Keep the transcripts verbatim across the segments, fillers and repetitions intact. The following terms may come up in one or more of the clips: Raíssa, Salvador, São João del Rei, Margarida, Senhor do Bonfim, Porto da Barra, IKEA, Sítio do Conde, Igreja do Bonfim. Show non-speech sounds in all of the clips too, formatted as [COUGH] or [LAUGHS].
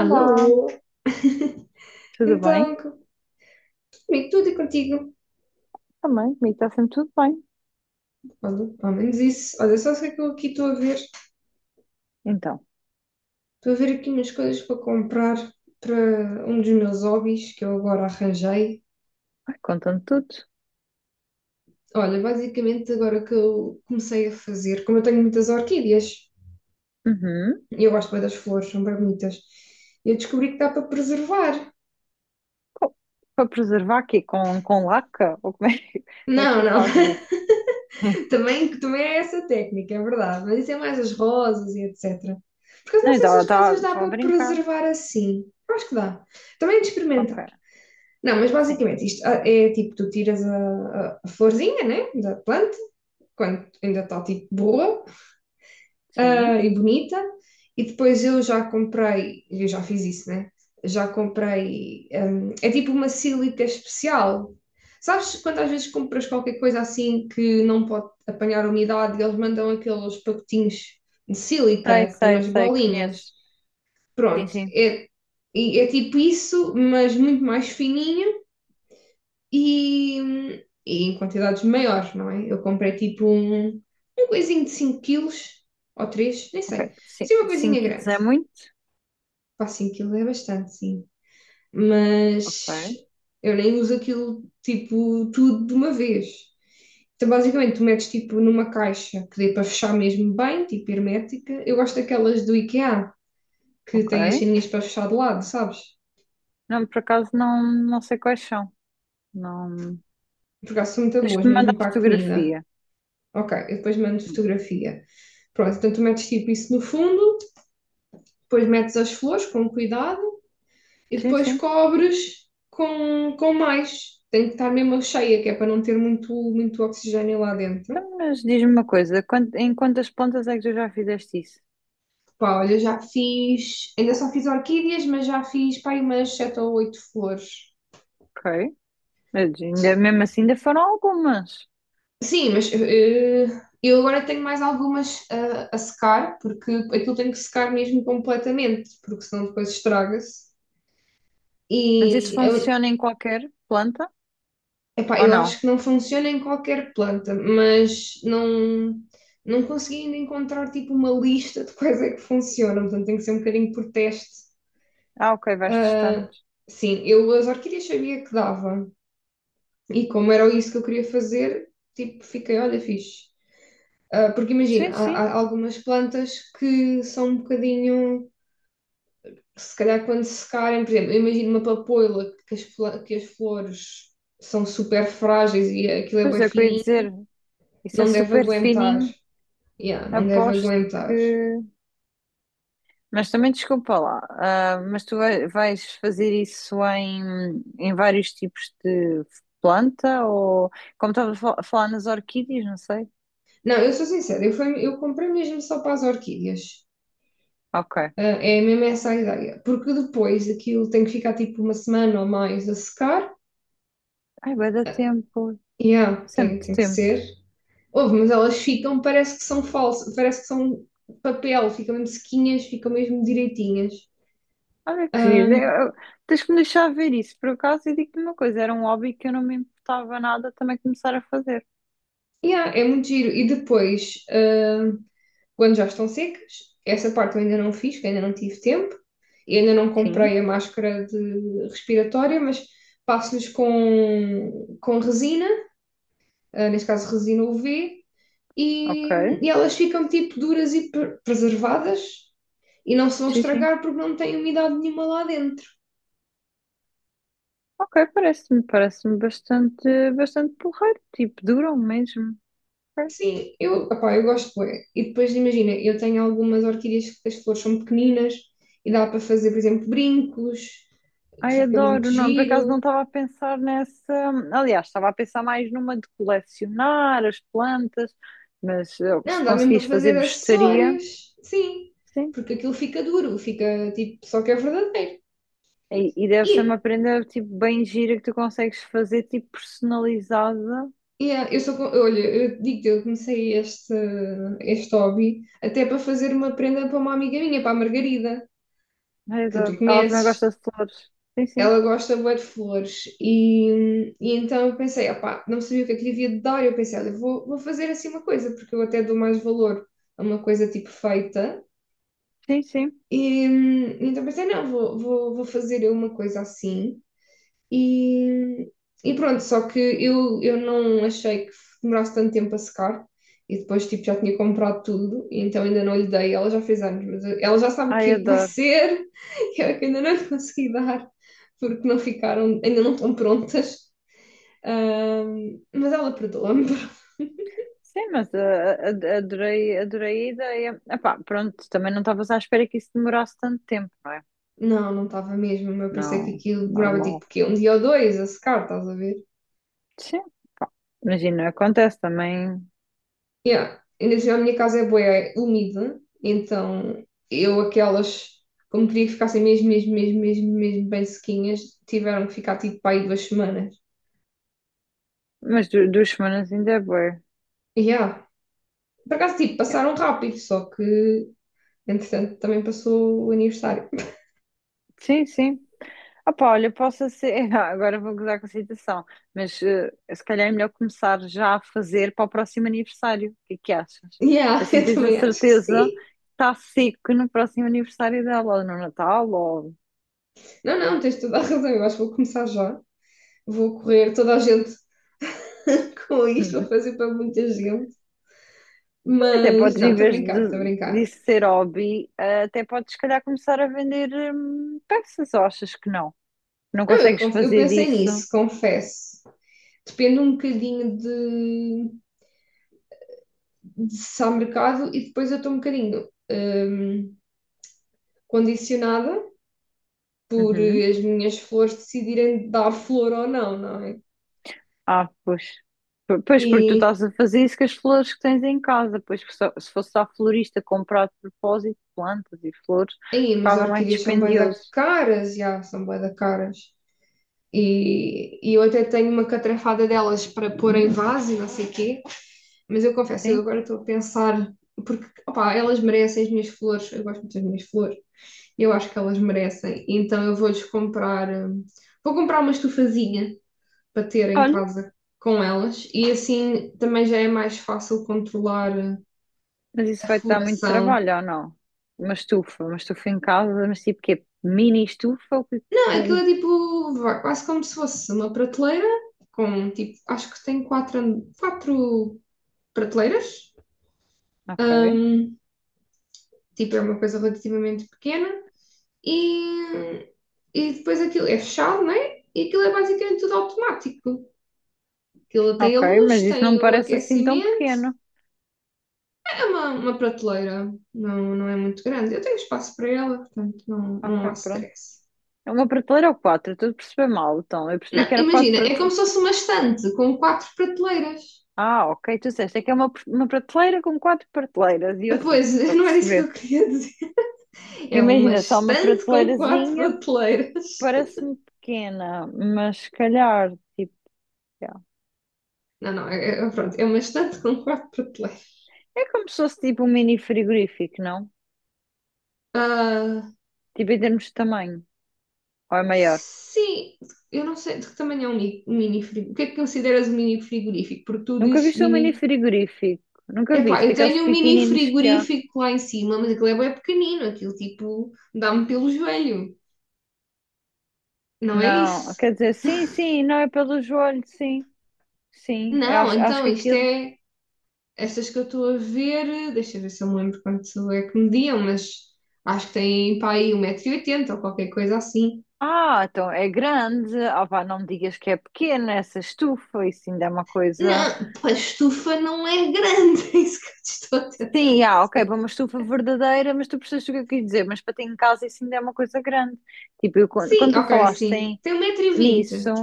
Alô? tudo Então, bem? comigo tudo e contigo. Também, comigo está sempre tudo bem. Olha, pelo menos isso. Olha, só sei que eu aqui estou a ver. Então, Estou a ver aqui umas coisas para comprar para um dos meus hobbies que eu agora arranjei. ai, conta-me tudo. Olha, basicamente agora que eu comecei a fazer, como eu tenho muitas orquídeas, Uhum. e eu gosto bem das flores, são bem bonitas, eu descobri que dá para preservar. Co- Para preservar aqui com, com laca? Ou como é, que- [LAUGHS] como é Não, que tu não. fazes [LAUGHS] isso? [LAUGHS] Também, também é essa técnica, é verdade. Mas isso é mais as rosas e et cetera. Porque eu não Não, sei se estava as rosas estava- dá estava a para brincar. preservar assim. Eu acho que dá. Também é de Ok, experimentar. Não, mas sim, basicamente isto ah, é tipo, tu tiras a, a- a florzinha, né, da planta, quando ainda está tipo boa, sim. e bonita, e depois eu já comprei, eu já fiz isso, né? Já comprei, hum, é tipo uma sílica especial. Sabes quando às vezes compras qualquer coisa assim que não pode apanhar umidade e eles mandam aqueles pacotinhos de Sei, sílica que tem sei, umas sei, bolinhas? conheço. Sim, Pronto, sim. é, e é tipo isso, mas muito mais fininho e, e em quantidades maiores, não é? Eu comprei tipo um, um coisinho de cinco quilos ou três, nem Ok, sei. sim, Sim, uma cinco coisinha quilos grande. é muito? Pá, cinco quilos é bastante, sim. Mas Ok, eu nem uso aquilo tipo tudo de uma vez. Então, basicamente, tu metes tipo numa caixa que dê para fechar mesmo bem, tipo hermética. Eu gosto daquelas do IKEA que ok. têm as ceninhas para fechar de lado, sabes? Não, por acaso não, não sei quais são. Não... Porque elas são muito Tens que boas me mesmo mandar para a comida. fotografia. Ok, eu depois mando Hum. fotografia. Pronto, então tu metes tipo isso no fundo, depois metes as flores com cuidado e Sim, depois sim. cobres com, com mais. Tem que estar mesmo cheia, que é para não ter muito, muito oxigênio lá dentro. Então, mas diz-me uma coisa, quant- em quantas pontas é que tu já fizeste isso? Pá, olha, já fiz, ainda só fiz orquídeas, mas já fiz pá, aí umas sete ou oito flores. Ok. Mas ainda, mesmo assim, ainda foram algumas. Sim, mas eh, eu agora tenho mais algumas a, a secar, porque aquilo tem que secar mesmo completamente, porque senão depois estraga-se. Mas isso E a funciona em qualquer planta Epá, ou eu não? acho que não funciona em qualquer planta, mas não, não consegui ainda encontrar tipo uma lista de quais é que funcionam, portanto tem que ser um bocadinho por teste. Ah, ok, vais testando. Sim, eu as orquídeas sabia que dava, e como era isso que eu queria fazer, tipo, fiquei, olha, fixe. Ah, porque imagina, Sim, há, sim. há algumas plantas que são um bocadinho, se calhar quando secarem, por exemplo, eu imagino uma papoila que as, fla- que as flores são super frágeis e aquilo é Pois bem é, o que eu ia fininho, dizer. Isso é não deve super aguentar. fininho. Yeah, não deve Aposto aguentar. que. Mas também desculpa lá. Ah, mas tu vai- vais fazer isso em, em vários tipos de planta ou. Como estava a fal- a falar nas orquídeas, não sei. Não, eu sou sincera, eu, fui- eu comprei mesmo só para as orquídeas. Ok. Ah, é mesmo essa a ideia. Porque depois aquilo tem que ficar tipo uma semana ou mais a secar. Ai, vai dar tempo. Yeah, tem, Sempre tem que tempo. ser. Ouve, mas elas ficam, parece que são falsas, parece que são papel, ficam mesmo sequinhas, ficam mesmo direitinhas. Olha que giro. Eu- eu- Tens que me deixar ver isso. Por acaso, eu digo-te uma coisa: era um hobby que eu não me importava nada também começar a fazer. Yeah, é muito giro. E depois, ah, quando já estão secas, essa parte eu ainda não fiz, que ainda não tive tempo. Eu ainda não Sim, comprei a máscara de respiratória, mas passo-lhes com, com resina, ah, neste caso resina U V, e, ok. e elas ficam tipo duras e pre- preservadas e não se vão Sim, sim. estragar porque não têm umidade nenhuma lá dentro. Ok, parece-me, parece-me bastante, bastante porreiro. Tipo, duram mesmo. Ok. Sim, eu, opá, eu gosto bué. E depois imagina, eu tenho algumas orquídeas que as flores são pequeninas e dá para fazer, por exemplo, brincos, que Ai, fica muito adoro. Não, por acaso não giro. estava a pensar nessa. Aliás, estava a pensar mais numa de colecionar as plantas, mas eh, se Não, dá mesmo para conseguis fazer fazer bestaria. acessórios, sim, porque aquilo fica duro, fica tipo, só que é verdadeiro. E, e deve ser uma E prenda tipo bem gira que tu consegues fazer tipo personalizada. yeah, eu sou, co- olha, eu digo-te, eu comecei este, este hobby até para fazer uma prenda para uma amiga minha, para a Margarida, Ai, que tu adoro. Ela também gosta conheces. de flores. Sim, sim. Ela gosta bué de flores e, e então eu pensei, opá, não sabia o que é que lhe havia de dar, eu pensei, olha, vou, vou fazer assim uma coisa, porque eu até dou mais valor a uma coisa tipo feita. Sim, sim. E, hum, então pensei, não, vou, vou, vou fazer eu uma coisa assim. E, e pronto, só que eu, eu não achei que demorasse tanto tempo a secar. E depois, tipo, já tinha comprado tudo, e então ainda não lhe dei. Ela já fez anos, mas ela já sabe o Ai, que vai adoro. ser. [LAUGHS] E eu é que ainda não lhe consegui dar, porque não ficaram, ainda não estão prontas. Ahm, mas ela perdoa-me. [LAUGHS] Sim, mas ah, ah, ah, adorei, adorei a ideia. Epá, pronto, também não estavas à espera que isso demorasse tanto tempo, não é? Não, não estava mesmo. Eu pensei que Não, aquilo demorava, normal. tipo, quê? Um dia ou dois a secar, estás a ver? Sim, imagina, acontece também. Yeah. Ainda assim, a minha casa é bué úmida, então eu aquelas, como queria que ficassem mesmo, mesmo, mesmo, mesmo, mesmo bem sequinhas, tiveram que ficar tipo para aí duas semanas. Mas du- duas semanas ainda é bué. Yeah. Por acaso, tipo, Yeah. passaram rápido, só que entretanto também passou o aniversário. Sim, sim. Opa, olha, posso ser. [LAUGHS] Ah, agora vou gozar com a situação, mas eh, se calhar é melhor começar já a fazer para o próximo aniversário. O que é que achas? Yeah, [LAUGHS] Assim eu tens a também acho que certeza sim. que está seco no próximo aniversário dela, ou no Natal, ou. Não, não, tens toda a razão, eu acho que vou começar já. Vou correr toda a gente [LAUGHS] com isto, vou [LAUGHS] fazer para muita gente. Até Mas, podes, não, em estou a vez brincar, estou a de, brincar. disso ser hobby, eh, até podes, se calhar, começar a vender hum, peças, ou achas que não? Não Eu, consegues conf- eu fazer pensei disso? nisso, confesso. Depende um bocadinho de, de se há mercado e depois eu estou um bocadinho hum, condicionada por Uhum. as minhas flores decidirem dar flor ou não, não é? Ah, pois. P- Pois, porque tu E estás a fazer isso com as flores que tens em casa. Pois, só- se fosse à florista comprar de propósito plantas e flores, aí, mas ficava mais orquídeas são bué da dispendioso. caras, já, são bué da caras. E, e eu até tenho uma catrafada delas para pôr em vaso e não sei quê, mas eu confesso, eu Sim? agora estou a pensar, porque opá, elas merecem as minhas flores, eu gosto muito das minhas flores, eu acho que elas merecem. Então eu vou-lhes comprar. hum, Vou comprar uma estufazinha para ter em Olha, casa com elas e assim também já é mais fácil controlar hum, mas isso a vai-te dar muito floração. trabalho, ou não? Uma estufa, uma estufa em casa, mas tipo quê? Mini estufa? O que- Não, aquilo com- é tipo vá, quase como se fosse uma prateleira com tipo, acho que tem quatro, an- quatro prateleiras, Ok, tipo, é uma coisa relativamente pequena e, e depois aquilo é fechado, né? E aquilo é basicamente tudo automático. Aquilo tem a ok, mas luz, isso não me tem o parece assim tão aquecimento. pequeno. É uma, uma prateleira, não, não é muito grande. Eu tenho espaço para ela, portanto não, Ok, não há pronto. stress. É uma prateleira ou quatro? Eu estou a perceber mal, então. Eu percebi Não, que era quatro. imagina, é como se fosse uma estante com quatro prateleiras. Ah, ok, tu disseste, é que é uma, uma prateleira com quatro prateleiras, e eu Pois, sim, estou [LAUGHS] a não era isso que perceber. eu queria dizer. Porque É uma imagina, só uma estante com quatro prateleirazinha prateleiras. parece-me pequena, mas se calhar, tipo, é. Não, não, é, é- pronto, é uma estante com quatro prateleiras. É como se fosse tipo um mini frigorífico, não? Ah, Tipo em termos de tamanho, ou é maior? sim, eu não sei de que tamanho é um mi- um mini frigorífico. O que é que consideras um mini frigorífico? Porque tu Nunca dizes viste um mini mini. frigorífico? Nunca Epá, viste eu aqueles tenho um mini pequeninos que há? frigorífico lá em cima, mas aquilo é bem pequenino, aquilo tipo dá-me pelo joelho, não é Não, isso? quer dizer, sim, sim, não é pelo joelho, sim, sim, eu Não, acho, acho então que isto aquilo. é, estas que eu estou a ver, deixa eu ver se eu me lembro quanto é que mediam, mas acho que tem pá aí um metro e oitenta ou qualquer coisa assim. Ah, então é grande. Ah, vá, não me digas que é pequena essa estufa, isso ainda é uma coisa. Não, pá, a estufa não é grande, [LAUGHS] é isso que eu te estou a tentar Sim, ah, ok, para dizer. uma estufa verdadeira, mas tu percebes o que eu quis dizer, mas para ter em casa isso ainda é uma coisa grande. Tipo, eu quando, Sim, quando tu ok, falaste sim, em- tem um metro e nisso, vinte. [LAUGHS]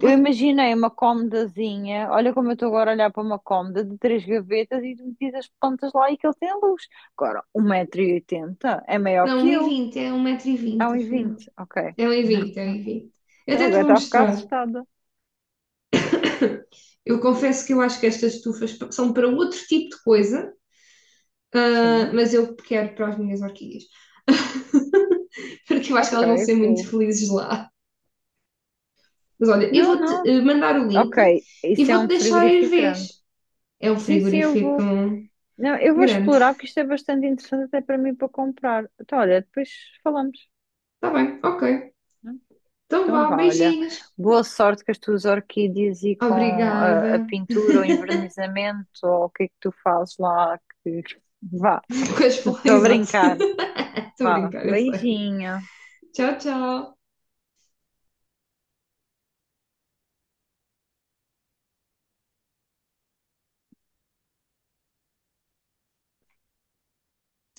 eu imaginei uma comodazinha, olha como eu estou agora a olhar para uma cômoda de três gavetas e tu metias as plantas lá e que ele tem luz. Agora, um metro e oitenta é maior Não, que um e eu, vinte é um metro e é vinte. 120 afinal. vinte? Ok. É um e vinte, é um [LAUGHS] e vinte. Eu até te Agora vou está a ficar mostrar. assustada. Eu confesso que eu acho que estas estufas são para outro tipo de coisa, ah, Sim, mas eu quero para as minhas orquídeas, [LAUGHS] porque eu acho que ok, elas vão ser muito vou. felizes lá. Mas olha, eu Não, vou-te não. eh, mandar o link Ok, e isso é vou-te um deixar ir frigorífico grande. vês. É um Sim, sim, eu frigorífico vou. Não, eu vou grande. explorar porque isto é bastante interessante até para mim para comprar. Então, olha, depois falamos. Está bem, ok. Né? Então Então, vá, vá, olha. beijinhos. Boa sorte com as tuas orquídeas e com Obrigada. a, a pintura ou envernizamento ou o que é que tu fazes lá. Que... Vá, [LAUGHS] Com as flores, estou a exato. brincar. Estou a Vá, brincar, eu sei. beijinho. Tchau, tchau.